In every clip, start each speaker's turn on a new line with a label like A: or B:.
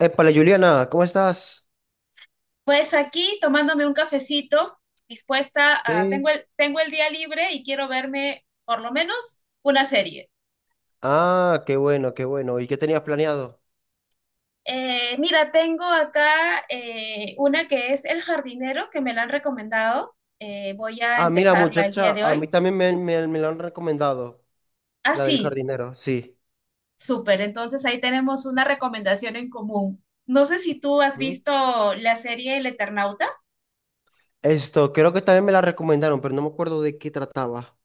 A: Épale, Juliana, ¿cómo estás?
B: Pues aquí tomándome un cafecito, dispuesta a, tengo
A: Sí.
B: el día libre y quiero verme por lo menos una serie.
A: Ah, qué bueno, qué bueno. ¿Y qué tenías planeado?
B: Mira, tengo acá una que es El Jardinero, que me la han recomendado. Voy a
A: Ah, mira,
B: empezarla el día
A: muchacha,
B: de
A: a mí
B: hoy.
A: también me la han recomendado,
B: Ah,
A: la del
B: sí,
A: jardinero, sí.
B: súper. Entonces ahí tenemos una recomendación en común. No sé si tú has
A: ¿Mm?
B: visto la serie El Eternauta.
A: Creo que también me la recomendaron, pero no me acuerdo de qué trataba.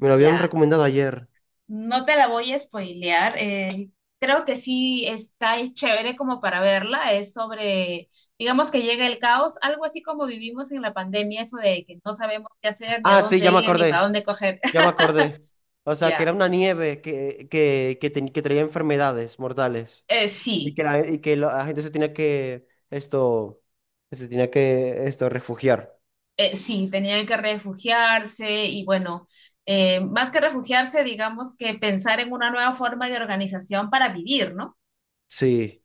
A: Me lo habían
B: Ya.
A: recomendado ayer.
B: No te la voy a spoilear. Creo que sí está es chévere como para verla. Es sobre, digamos que llega el caos, algo así como vivimos en la pandemia, eso de que no sabemos qué hacer, ni a
A: Ah, sí,
B: dónde
A: ya me
B: ir, ni para
A: acordé,
B: dónde coger.
A: ya me acordé. O sea, que
B: Ya,
A: era una nieve que traía enfermedades mortales. Y
B: sí,
A: que la, y que la gente se tenía que se tenía que refugiar.
B: sí, tenían que refugiarse y bueno, más que refugiarse, digamos que pensar en una nueva forma de organización para vivir, ¿no?
A: Sí.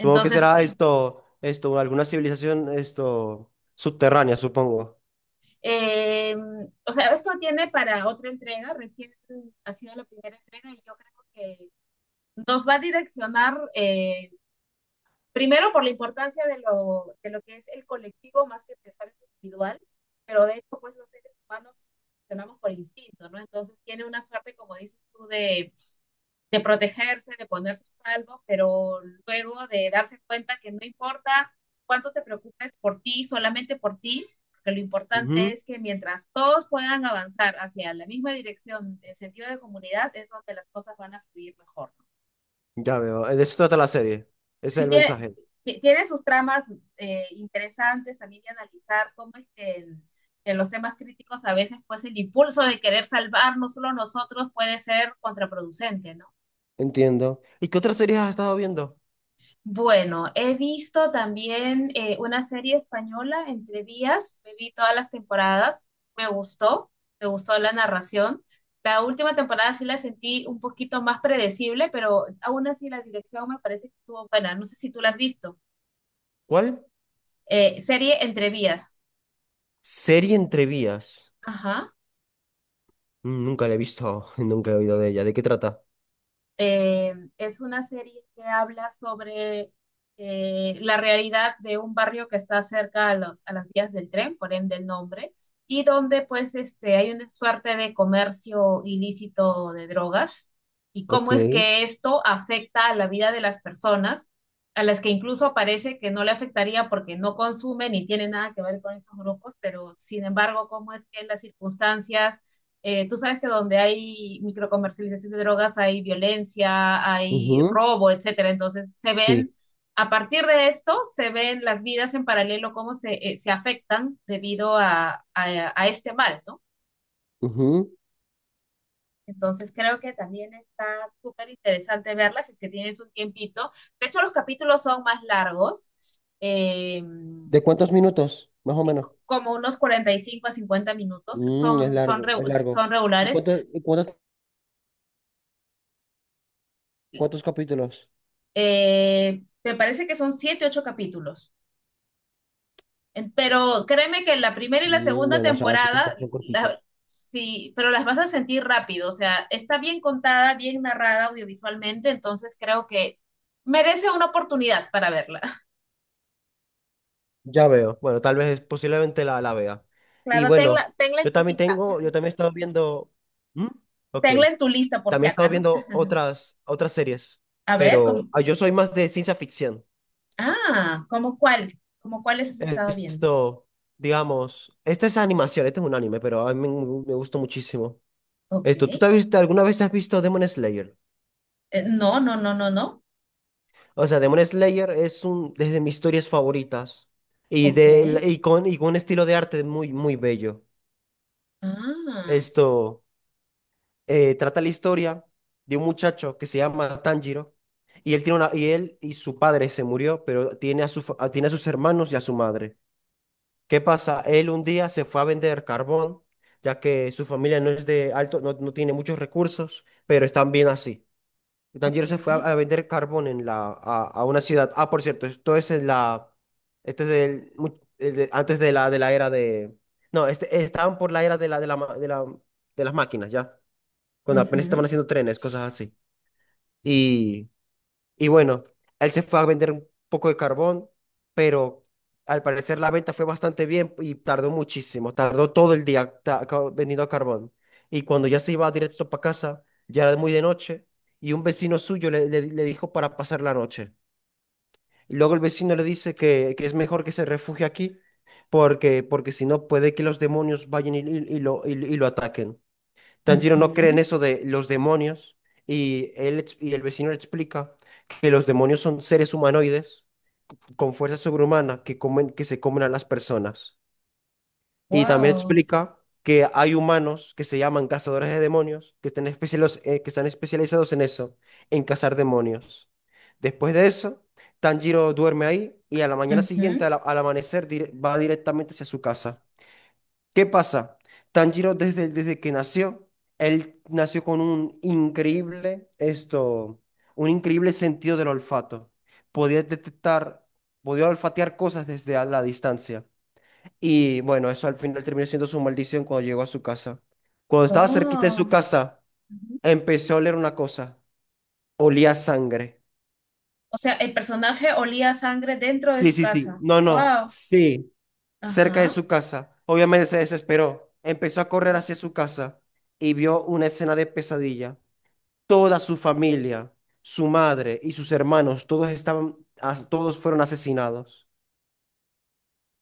A: Supongo que será
B: sí.
A: alguna civilización, subterránea, supongo.
B: Eh, o sea, esto tiene para otra entrega, recién ha sido la primera entrega y yo creo que nos va a direccionar primero por la importancia de lo que es el colectivo más que pensar en lo individual, pero de hecho pues los seres humanos funcionamos por instinto, ¿no? Entonces tiene una suerte, como dices tú, de protegerse, de ponerse a salvo, pero luego de darse cuenta que no importa cuánto te preocupes por ti, solamente por ti, porque lo importante
A: Ujú.
B: es que mientras todos puedan avanzar hacia la misma dirección en sentido de comunidad, es donde las cosas van a fluir mejor.
A: Ya veo, de eso trata la serie. Ese es
B: Si
A: el
B: tiene,
A: mensaje.
B: tiene sus tramas interesantes también de analizar cómo es que los temas críticos a veces pues el impulso de querer salvarnos solo nosotros puede ser contraproducente, ¿no?
A: Entiendo. ¿Y qué otras series has estado viendo?
B: Bueno, he visto también una serie española, Entre Vías, me vi todas las temporadas, me gustó, me gustó la narración. La última temporada sí la sentí un poquito más predecible, pero aún así la dirección me parece que estuvo buena. No sé si tú la has visto.
A: ¿Cuál?
B: Serie Entre Vías.
A: Serie entre vías. Mm, nunca la he visto, nunca he oído de ella. ¿De qué trata?
B: Es una serie que habla sobre la realidad de un barrio que está cerca a, los, a las vías del tren, por ende el nombre, y donde pues este, hay una suerte de comercio ilícito de drogas y cómo
A: Ok.
B: es que esto afecta a la vida de las personas, a las que incluso parece que no le afectaría porque no consumen ni tiene nada que ver con estos grupos, pero sin embargo, cómo es que en las circunstancias tú sabes que donde hay microcomercialización de drogas hay violencia, hay
A: Ujú.
B: robo, etcétera. Entonces se
A: Sí.
B: ven, a partir de esto, se ven las vidas en paralelo, cómo se, se afectan debido a, este mal, ¿no?
A: Ujú.
B: Entonces creo que también está súper interesante verlas si es que tienes un tiempito. De hecho, los capítulos son más largos. Eh,
A: ¿De cuántos minutos? Más o menos.
B: Como unos 45 a 50 minutos,
A: Mm, es largo, es largo.
B: son regulares.
A: Y cuántos, cuántos capítulos?
B: Me parece que son siete, ocho capítulos. Pero créeme que la primera y la
A: Mm,
B: segunda
A: bueno, o sea, así
B: temporada,
A: son cortitos.
B: sí, pero las vas a sentir rápido. O sea, está bien contada, bien narrada audiovisualmente, entonces creo que merece una oportunidad para verla.
A: Ya veo. Bueno, tal vez posiblemente la vea. Y
B: Claro, tenla,
A: bueno,
B: tenla en
A: yo
B: tu
A: también
B: lista.
A: tengo, yo también he estado viendo. ¿Mm? Ok.
B: Tenla en tu lista por
A: También
B: si
A: he
B: acá,
A: estado
B: ¿no?
A: viendo otras, otras series,
B: A ver,
A: pero
B: como,
A: ah, yo soy más de ciencia ficción.
B: ah, ¿cómo cuál? ¿Cómo cuáles has estado viendo?
A: Esto, digamos, esta es animación, este es un anime, pero a mí me gustó muchísimo.
B: Ok.
A: ¿Tú te has visto, alguna vez te has visto Demon Slayer?
B: No, no, no, no, no.
A: O sea, Demon Slayer es de mis historias favoritas
B: Ok.
A: y con un estilo de arte muy, muy bello.
B: Ah,
A: Esto. Trata la historia de un muchacho que se llama Tanjiro y él y su padre se murió, pero tiene a tiene a sus hermanos y a su madre. ¿Qué pasa? Él un día se fue a vender carbón, ya que su familia no, no tiene muchos recursos, pero están bien así. Y Tanjiro
B: ok.
A: se fue a vender carbón en a una ciudad. Ah, por cierto, esto es en la esto es del mu- el de- antes de la era de no, este, estaban por la era de la ma- de la de las máquinas, ya cuando apenas estaban
B: Ujú.
A: haciendo trenes, cosas así. Y, y bueno, él se fue a vender un poco de carbón, pero al parecer la venta fue bastante bien y tardó muchísimo, tardó todo el día vendiendo carbón. Y cuando ya se iba directo para casa, ya era muy de noche, y un vecino suyo le dijo para pasar la noche. Y luego el vecino le dice que es mejor que se refugie aquí, porque si no puede que los demonios vayan y lo ataquen. Tanjiro no cree
B: Ujú.
A: en eso de los demonios y el vecino le explica que los demonios son seres humanoides con fuerza sobrehumana que se comen a las personas. Y también
B: Wow.
A: explica que hay humanos que se llaman cazadores de demonios que están especializados en eso, en cazar demonios. Después de eso, Tanjiro duerme ahí y a la mañana siguiente,
B: Ujú.
A: al amanecer, va directamente hacia su casa. ¿Qué pasa? Tanjiro desde que nació, él nació con un increíble, un increíble sentido del olfato. Podía detectar, Podía olfatear cosas desde a la distancia. Y bueno, eso al final terminó siendo su maldición cuando llegó a su casa. Cuando estaba cerquita de su
B: Oh.
A: casa,
B: Ujú.
A: empezó a oler una cosa. Olía a sangre.
B: O sea, el personaje olía a sangre dentro de
A: Sí,
B: su
A: sí, sí.
B: casa.
A: No, no.
B: Wow.
A: Sí. Cerca de
B: Ajá.
A: su casa. Obviamente se desesperó, empezó a correr
B: Sí.
A: hacia su casa y vio una escena de pesadilla. Toda su familia, su madre y sus hermanos, todos fueron asesinados.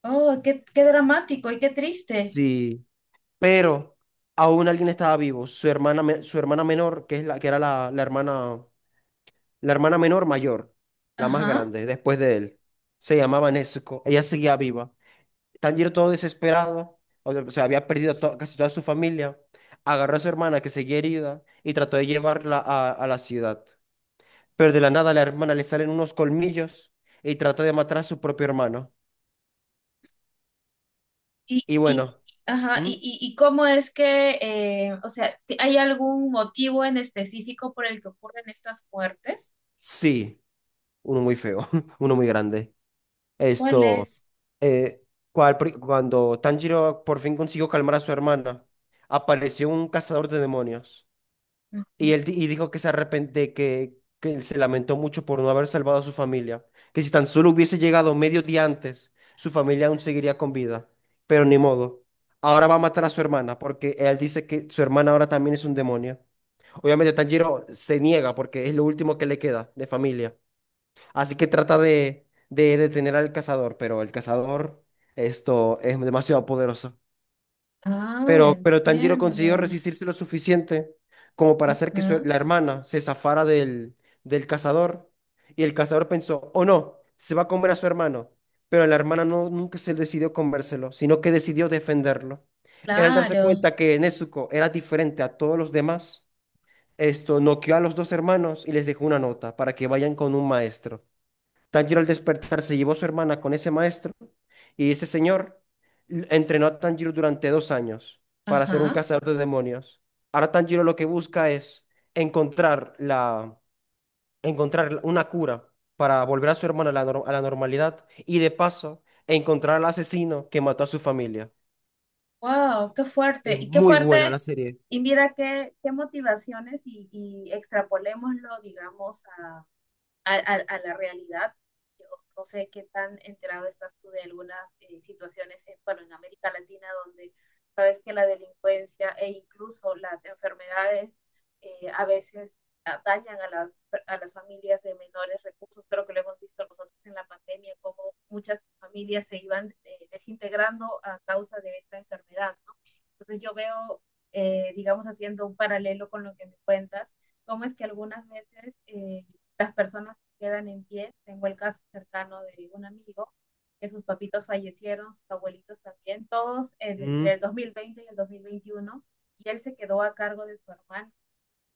B: Oh, qué, qué dramático y qué triste.
A: Sí, pero aún alguien estaba vivo, su hermana menor, que es la que era la hermana menor mayor, la más
B: Ajá.
A: grande, después de él. Se llamaba Nezuko, ella seguía viva. Tanjiro todo desesperado, o sea, había perdido casi toda su familia, agarró a su hermana que seguía herida y trató de llevarla a la ciudad. Pero de la nada a la hermana le salen unos colmillos y trata de matar a su propio hermano.
B: Y,
A: Y
B: y,
A: bueno,
B: ajá,
A: ¿m?
B: y cómo es que, o sea, ¿hay algún motivo en específico por el que ocurren estas muertes?
A: Sí, uno muy feo, uno muy grande.
B: ¿Cuál
A: Esto,
B: es?
A: eh, cuando Tanjiro por fin consiguió calmar a su hermana, apareció un cazador de demonios.
B: Ujú.
A: Y dijo que se arrepente, que él se lamentó mucho por no haber salvado a su familia, que si tan solo hubiese llegado medio día antes, su familia aún seguiría con vida, pero ni modo. Ahora va a matar a su hermana porque él dice que su hermana ahora también es un demonio. Obviamente Tanjiro se niega porque es lo último que le queda de familia. Así que trata de detener al cazador, pero el cazador, esto es demasiado poderoso.
B: Ah,
A: Pero Tanjiro consiguió
B: entiendo.
A: resistirse lo suficiente como para hacer que
B: Ajá.
A: la hermana se zafara del cazador. Y el cazador pensó, oh no, se va a comer a su hermano. Pero la hermana no, nunca se decidió comérselo, sino que decidió defenderlo. Él al darse
B: Claro.
A: cuenta que Nezuko era diferente a todos los demás, esto noqueó a los dos hermanos y les dejó una nota para que vayan con un maestro. Tanjiro al despertar se llevó a su hermana con ese maestro y ese señor entrenó a Tanjiro durante 2 años para ser un
B: Ajá.
A: cazador de demonios. Ahora Tanjiro lo que busca es encontrar la, encontrar una cura para volver a su hermana a la, nor- a la normalidad y de paso encontrar al asesino que mató a su familia.
B: Wow, qué fuerte.
A: Es
B: Y qué
A: muy
B: fuerte,
A: buena la serie.
B: y mira qué, qué motivaciones y extrapolémoslo, digamos, a la realidad. Yo no sé qué tan enterado estás tú de algunas situaciones, en, bueno, en América Latina, donde sabes que la delincuencia e incluso las enfermedades a veces dañan a las familias de menores recursos. Creo que lo hemos visto nosotros en la pandemia, cómo muchas familias se iban desintegrando a causa de esta enfermedad, ¿no? Entonces yo veo, digamos, haciendo un paralelo con lo que me cuentas, cómo es que algunas veces las personas quedan en pie. Tengo el caso cercano de un amigo que sus papitos fallecieron, sus abuelitos también, todos entre el
A: Mm.
B: 2020 y el 2021, y él se quedó a cargo de su hermano.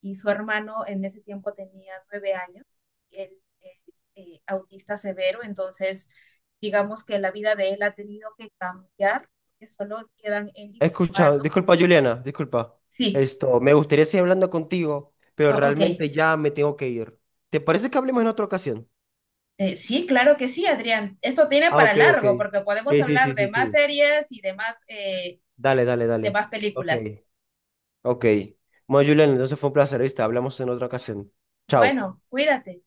B: Y su hermano en ese tiempo tenía 9 años, él es autista severo, entonces digamos que la vida de él ha tenido que cambiar, que solo quedan él y
A: He
B: su
A: escuchado,
B: hermano.
A: disculpa Juliana, disculpa.
B: Sí,
A: Me gustaría seguir hablando contigo, pero
B: ah, ok.
A: realmente ya me tengo que ir. ¿Te parece que hablemos en otra ocasión?
B: Sí, claro que sí, Adrián. Esto tiene
A: Ah,
B: para
A: ok, ok.
B: largo porque podemos
A: Sí, sí,
B: hablar
A: sí,
B: de
A: sí,
B: más
A: sí.
B: series y
A: Dale, dale,
B: de
A: dale.
B: más
A: Ok.
B: películas.
A: Ok. Bueno, Julián, entonces fue un placer, ¿viste? Hablamos en otra ocasión. Chao.
B: Bueno, cuídate.